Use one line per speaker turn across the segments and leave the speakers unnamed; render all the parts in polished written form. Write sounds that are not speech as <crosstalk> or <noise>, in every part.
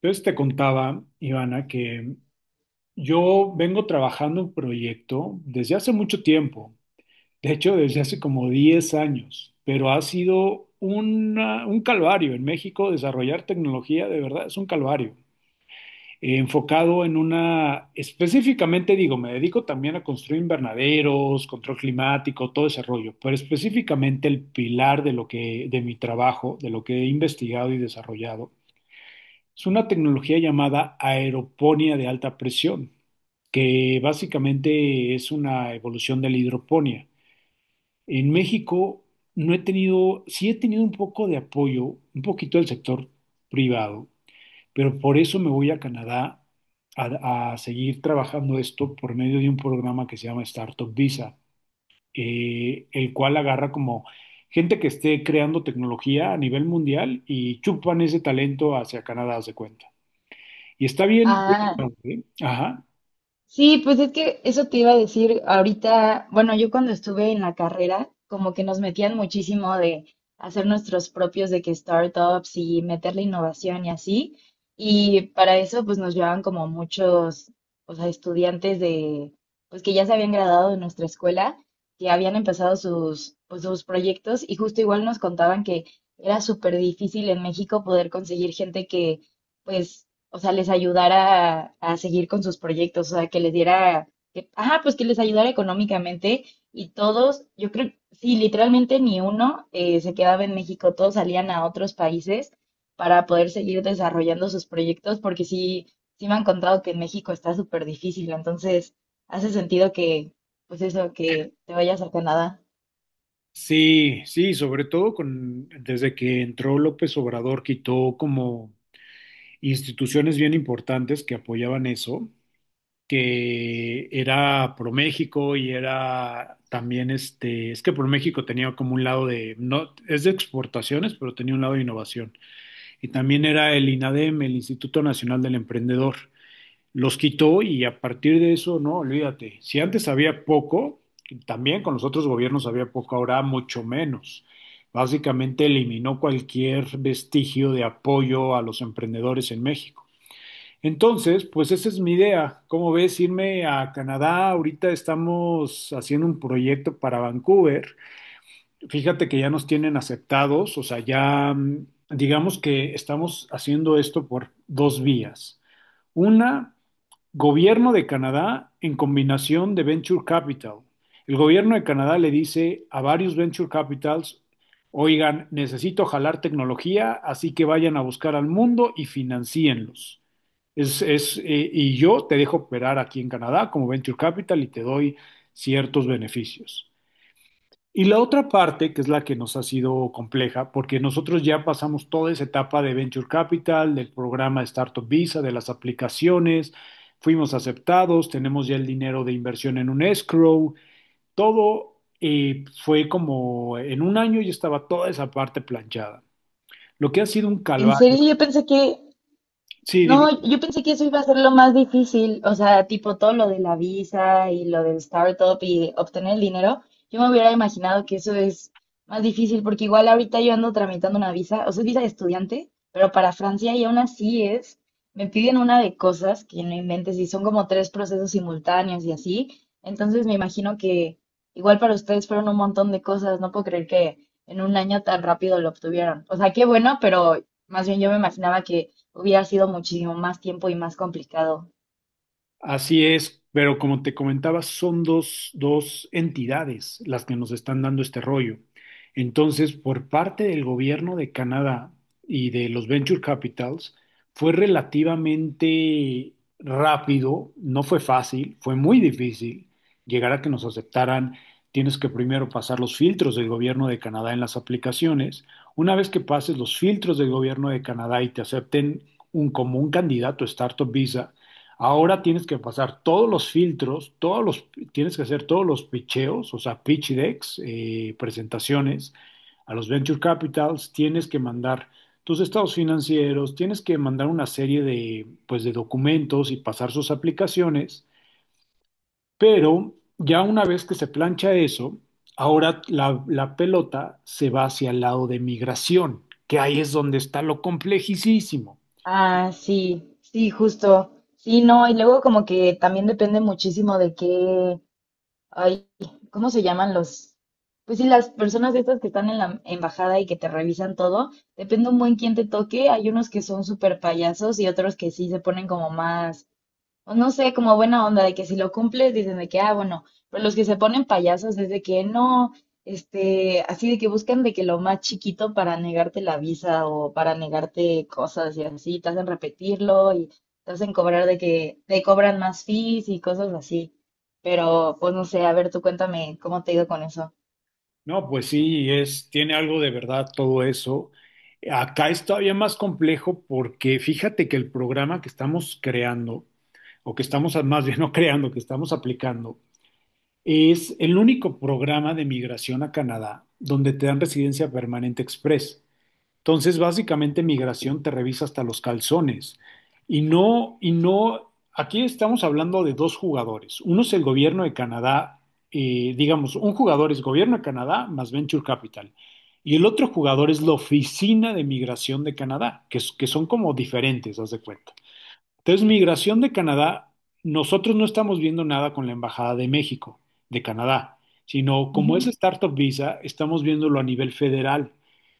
Entonces te contaba, Ivana, que yo vengo trabajando un proyecto desde hace mucho tiempo, de hecho desde hace como 10 años, pero ha sido un calvario en México desarrollar tecnología, de verdad es un calvario. Enfocado en específicamente digo, me dedico también a construir invernaderos, control climático, todo ese rollo, pero específicamente el pilar de mi trabajo, de lo que he investigado y desarrollado es una tecnología llamada aeroponía de alta presión, que básicamente es una evolución de la hidroponía. En México no he tenido, sí he tenido un poco de apoyo, un poquito del sector privado, pero por eso me voy a Canadá a seguir trabajando esto por medio de un programa que se llama Startup Visa, el cual agarra como gente que esté creando tecnología a nivel mundial y chupan ese talento hacia Canadá, haz de cuenta. Y está bien,
Ah,
¿eh? Ajá.
sí, pues es que eso te iba a decir ahorita, bueno, yo cuando estuve en la carrera, como que nos metían muchísimo de hacer nuestros propios de que startups y meterle innovación y así, y para eso pues nos llevaban como muchos, o sea, estudiantes de, pues que ya se habían graduado de nuestra escuela, que habían empezado sus, pues sus proyectos y justo igual nos contaban que era súper difícil en México poder conseguir gente que pues o sea, les ayudara a seguir con sus proyectos, o sea, que les diera, que, ajá, pues que les ayudara económicamente y todos, yo creo, sí, literalmente ni uno se quedaba en México, todos salían a otros países para poder seguir desarrollando sus proyectos, porque sí, sí me han contado que en México está súper difícil, entonces hace sentido que, pues eso, que te vayas a Canadá.
Sí, sí, sobre todo con desde que entró López Obrador, quitó como instituciones bien importantes que apoyaban eso, que era ProMéxico y era también es que ProMéxico tenía como un lado de, no, es de exportaciones, pero tenía un lado de innovación. Y también era el INADEM, el Instituto Nacional del Emprendedor. Los quitó y a partir de eso, no, olvídate, si antes había poco, también con los otros gobiernos había poco, ahora mucho menos. Básicamente eliminó cualquier vestigio de apoyo a los emprendedores en México. Entonces, pues esa es mi idea. ¿Cómo ves irme a Canadá? Ahorita estamos haciendo un proyecto para Vancouver. Fíjate que ya nos tienen aceptados, o sea, ya digamos que estamos haciendo esto por dos vías. Una, Gobierno de Canadá en combinación de Venture Capital. El gobierno de Canadá le dice a varios Venture Capitals, oigan, necesito jalar tecnología, así que vayan a buscar al mundo y financienlos. Y yo te dejo operar aquí en Canadá como Venture Capital y te doy ciertos beneficios. Y la otra parte, que es la que nos ha sido compleja, porque nosotros ya pasamos toda esa etapa de Venture Capital, del programa Startup Visa, de las aplicaciones, fuimos aceptados, tenemos ya el dinero de inversión en un escrow, todo fue como en un año ya estaba toda esa parte planchada. Lo que ha sido un
En
calvario.
serio, yo pensé que.
Sí,
No,
dime.
yo pensé que eso iba a ser lo más difícil, o sea, tipo todo lo de la visa y lo del startup y obtener el dinero. Yo me hubiera imaginado que eso es más difícil porque igual ahorita yo ando tramitando una visa, o sea, es visa de estudiante, pero para Francia y aún así es, me piden una de cosas que no inventes y son como tres procesos simultáneos y así. Entonces me imagino que igual para ustedes fueron un montón de cosas, no puedo creer que en un año tan rápido lo obtuvieron. O sea, qué bueno, pero más bien yo me imaginaba que hubiera sido muchísimo más tiempo y más complicado.
Así es, pero como te comentaba, son dos entidades las que nos están dando este rollo. Entonces, por parte del gobierno de Canadá y de los Venture Capitals, fue relativamente rápido, no fue fácil, fue muy difícil llegar a que nos aceptaran. Tienes que primero pasar los filtros del gobierno de Canadá en las aplicaciones. Una vez que pases los filtros del gobierno de Canadá y te acepten como un candidato Startup Visa, ahora tienes que pasar todos los filtros, tienes que hacer todos los pitcheos, o sea, pitch decks, presentaciones a los venture capitals, tienes que mandar tus estados financieros, tienes que mandar una serie de, pues, de documentos y pasar sus aplicaciones, pero ya una vez que se plancha eso, ahora la pelota se va hacia el lado de migración, que ahí es donde está lo complejísimo.
Ah, sí, sí, justo. Sí, no, y luego como que también depende muchísimo de qué, ay, ¿cómo se llaman los? Pues sí, las personas estas que están en la embajada y que te revisan todo, depende un buen quién te toque. Hay unos que son súper payasos y otros que sí se ponen como más o no sé, como buena onda de que si lo cumples dicen de que, ah, bueno, pero los que se ponen payasos es de que no, este, así de que buscan de que lo más chiquito para negarte la visa o para negarte cosas y así, te hacen repetirlo y te hacen cobrar de que te cobran más fees y cosas así. Pero pues no sé, a ver, tú cuéntame cómo te ha ido con eso.
No, pues sí, es, tiene algo de verdad todo eso. Acá es todavía más complejo porque fíjate que el programa que estamos creando, o que estamos más bien no creando, que estamos aplicando, es el único programa de migración a Canadá donde te dan residencia permanente express. Entonces, básicamente migración te revisa hasta los calzones. Y no, aquí estamos hablando de dos jugadores. Uno es el gobierno de Canadá, digamos, un jugador es gobierno de Canadá más Venture Capital. Y el otro jugador es la oficina de migración de Canadá, que son como diferentes, haz de cuenta. Entonces, migración de Canadá, nosotros no estamos viendo nada con la Embajada de México, de Canadá, sino como es
Ujú.
Startup Visa, estamos viéndolo a nivel federal.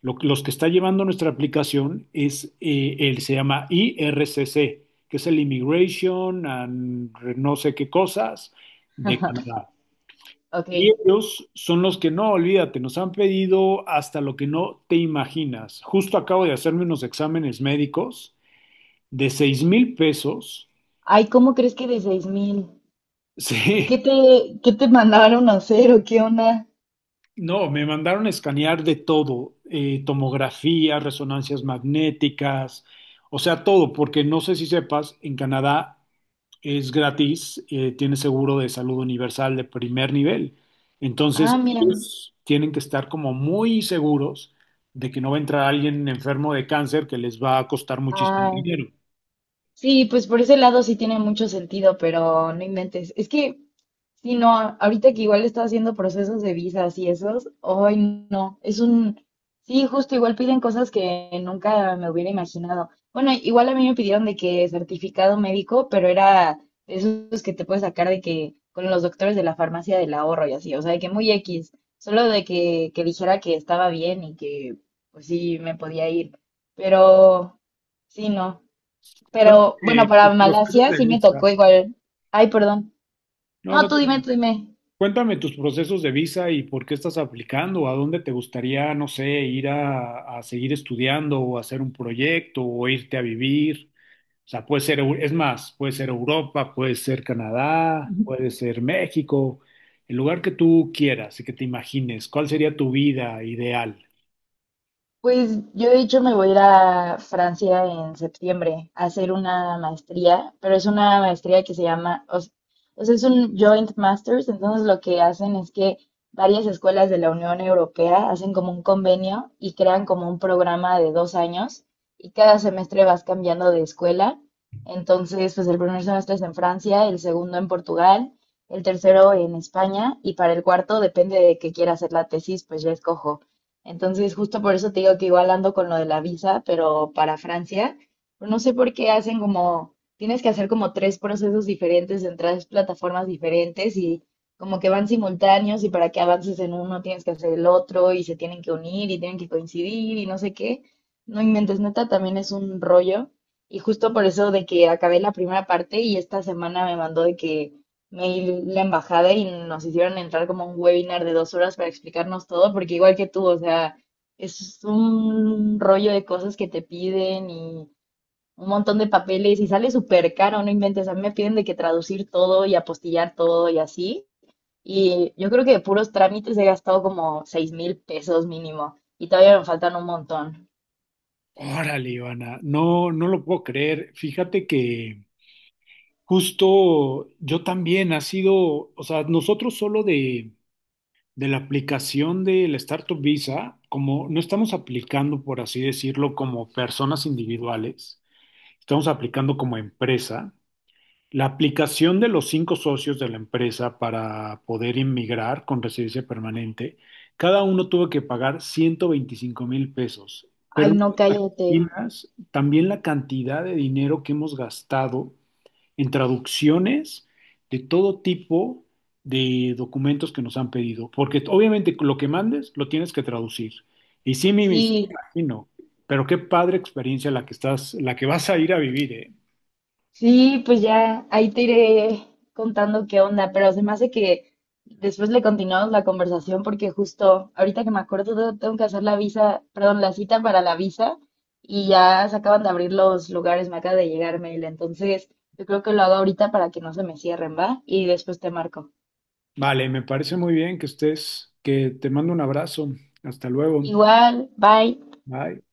Los que está llevando nuestra aplicación es, se llama IRCC, que es el Immigration and no sé qué cosas de
<laughs>
Canadá.
Ok.
Y ellos son los que no, olvídate, nos han pedido hasta lo que no te imaginas. Justo acabo de hacerme unos exámenes médicos de 6.000 pesos.
Ay, ¿cómo crees que de 6,000? Pues,
Sí,
¿qué te mandaron a hacer o qué onda?
no, me mandaron a escanear de todo, tomografía, resonancias magnéticas, o sea, todo, porque no sé si sepas, en Canadá es gratis, tiene seguro de salud universal de primer nivel. Entonces,
Ah, mira.
ellos tienen que estar como muy seguros de que no va a entrar alguien enfermo de cáncer que les va a costar muchísimo
Ah,
dinero.
sí, pues por ese lado sí tiene mucho sentido, pero no inventes. Es que, sí, no, ahorita que igual está haciendo procesos de visas y esos, hoy no, es un, sí, justo igual piden cosas que nunca me hubiera imaginado. Bueno, igual a mí me pidieron de que certificado médico, pero era de esos que te puedes sacar de que con los doctores de la farmacia del ahorro y así, o sea, de que muy X, solo de que dijera que estaba bien y que, pues sí, me podía ir, pero… Sí, no.
Cuéntame
Pero bueno,
tus
para
procesos
Malasia
de
sí me
visa.
tocó igual. Ay, perdón.
No,
No,
no
tú
te.
dime, tú dime.
Cuéntame tus procesos de visa y por qué estás aplicando, a dónde te gustaría, no sé, ir a seguir estudiando o hacer un proyecto o irte a vivir. O sea, puede ser, es más, puede ser Europa, puede ser Canadá, puede ser México, el lugar que tú quieras y que te imagines, ¿cuál sería tu vida ideal?
Pues yo de hecho me voy a ir a Francia en septiembre a hacer una maestría, pero es una maestría que se llama, o sea, es un joint masters, entonces lo que hacen es que varias escuelas de la Unión Europea hacen como un convenio y crean como un programa de 2 años y cada semestre vas cambiando de escuela. Entonces, pues el primer semestre es en Francia, el segundo en Portugal, el tercero en España y para el cuarto, depende de qué quiera hacer la tesis, pues ya escojo. Entonces, justo por eso te digo que igual ando con lo de la visa, pero para Francia, pero no sé por qué hacen como, tienes que hacer como tres procesos diferentes en tres plataformas diferentes y como que van simultáneos y para que avances en uno tienes que hacer el otro y se tienen que unir y tienen que coincidir y no sé qué. No inventes, neta, también es un rollo. Y justo por eso de que acabé la primera parte y esta semana me mandó de que me y la embajada y nos hicieron entrar como a un webinar de 2 horas para explicarnos todo, porque igual que tú, o sea, es un rollo de cosas que te piden y un montón de papeles y sale súper caro, no inventes, a mí me piden de que traducir todo y apostillar todo y así. Y yo creo que de puros trámites he gastado como 6,000 pesos mínimo y todavía me faltan un montón.
Órale, Ivana, no, no lo puedo creer. Fíjate que justo yo también ha sido, o sea, nosotros solo de la aplicación del Startup Visa, como no estamos aplicando, por así decirlo, como personas individuales, estamos aplicando como empresa. La aplicación de los cinco socios de la empresa para poder inmigrar con residencia permanente, cada uno tuvo que pagar 125 mil pesos. Pero
Ay,
no
no,
te
cállate.
imaginas también la cantidad de dinero que hemos gastado en traducciones de todo tipo de documentos que nos han pedido, porque obviamente lo que mandes lo tienes que traducir. Y sí me
Sí,
imagino, pero qué padre experiencia la que estás, la que vas a ir a vivir, ¿eh?
sí, pues ya ahí te iré contando qué onda, pero se me hace que después le continuamos la conversación porque justo ahorita que me acuerdo te- tengo que hacer la visa, perdón, la cita para la visa y ya se acaban de abrir los lugares, me acaba de llegar mail, entonces yo creo que lo hago ahorita para que no se me cierren, ¿va? Y después te marco.
Vale, me parece muy bien que estés, que te mando un abrazo. Hasta luego.
Igual, bye.
Bye.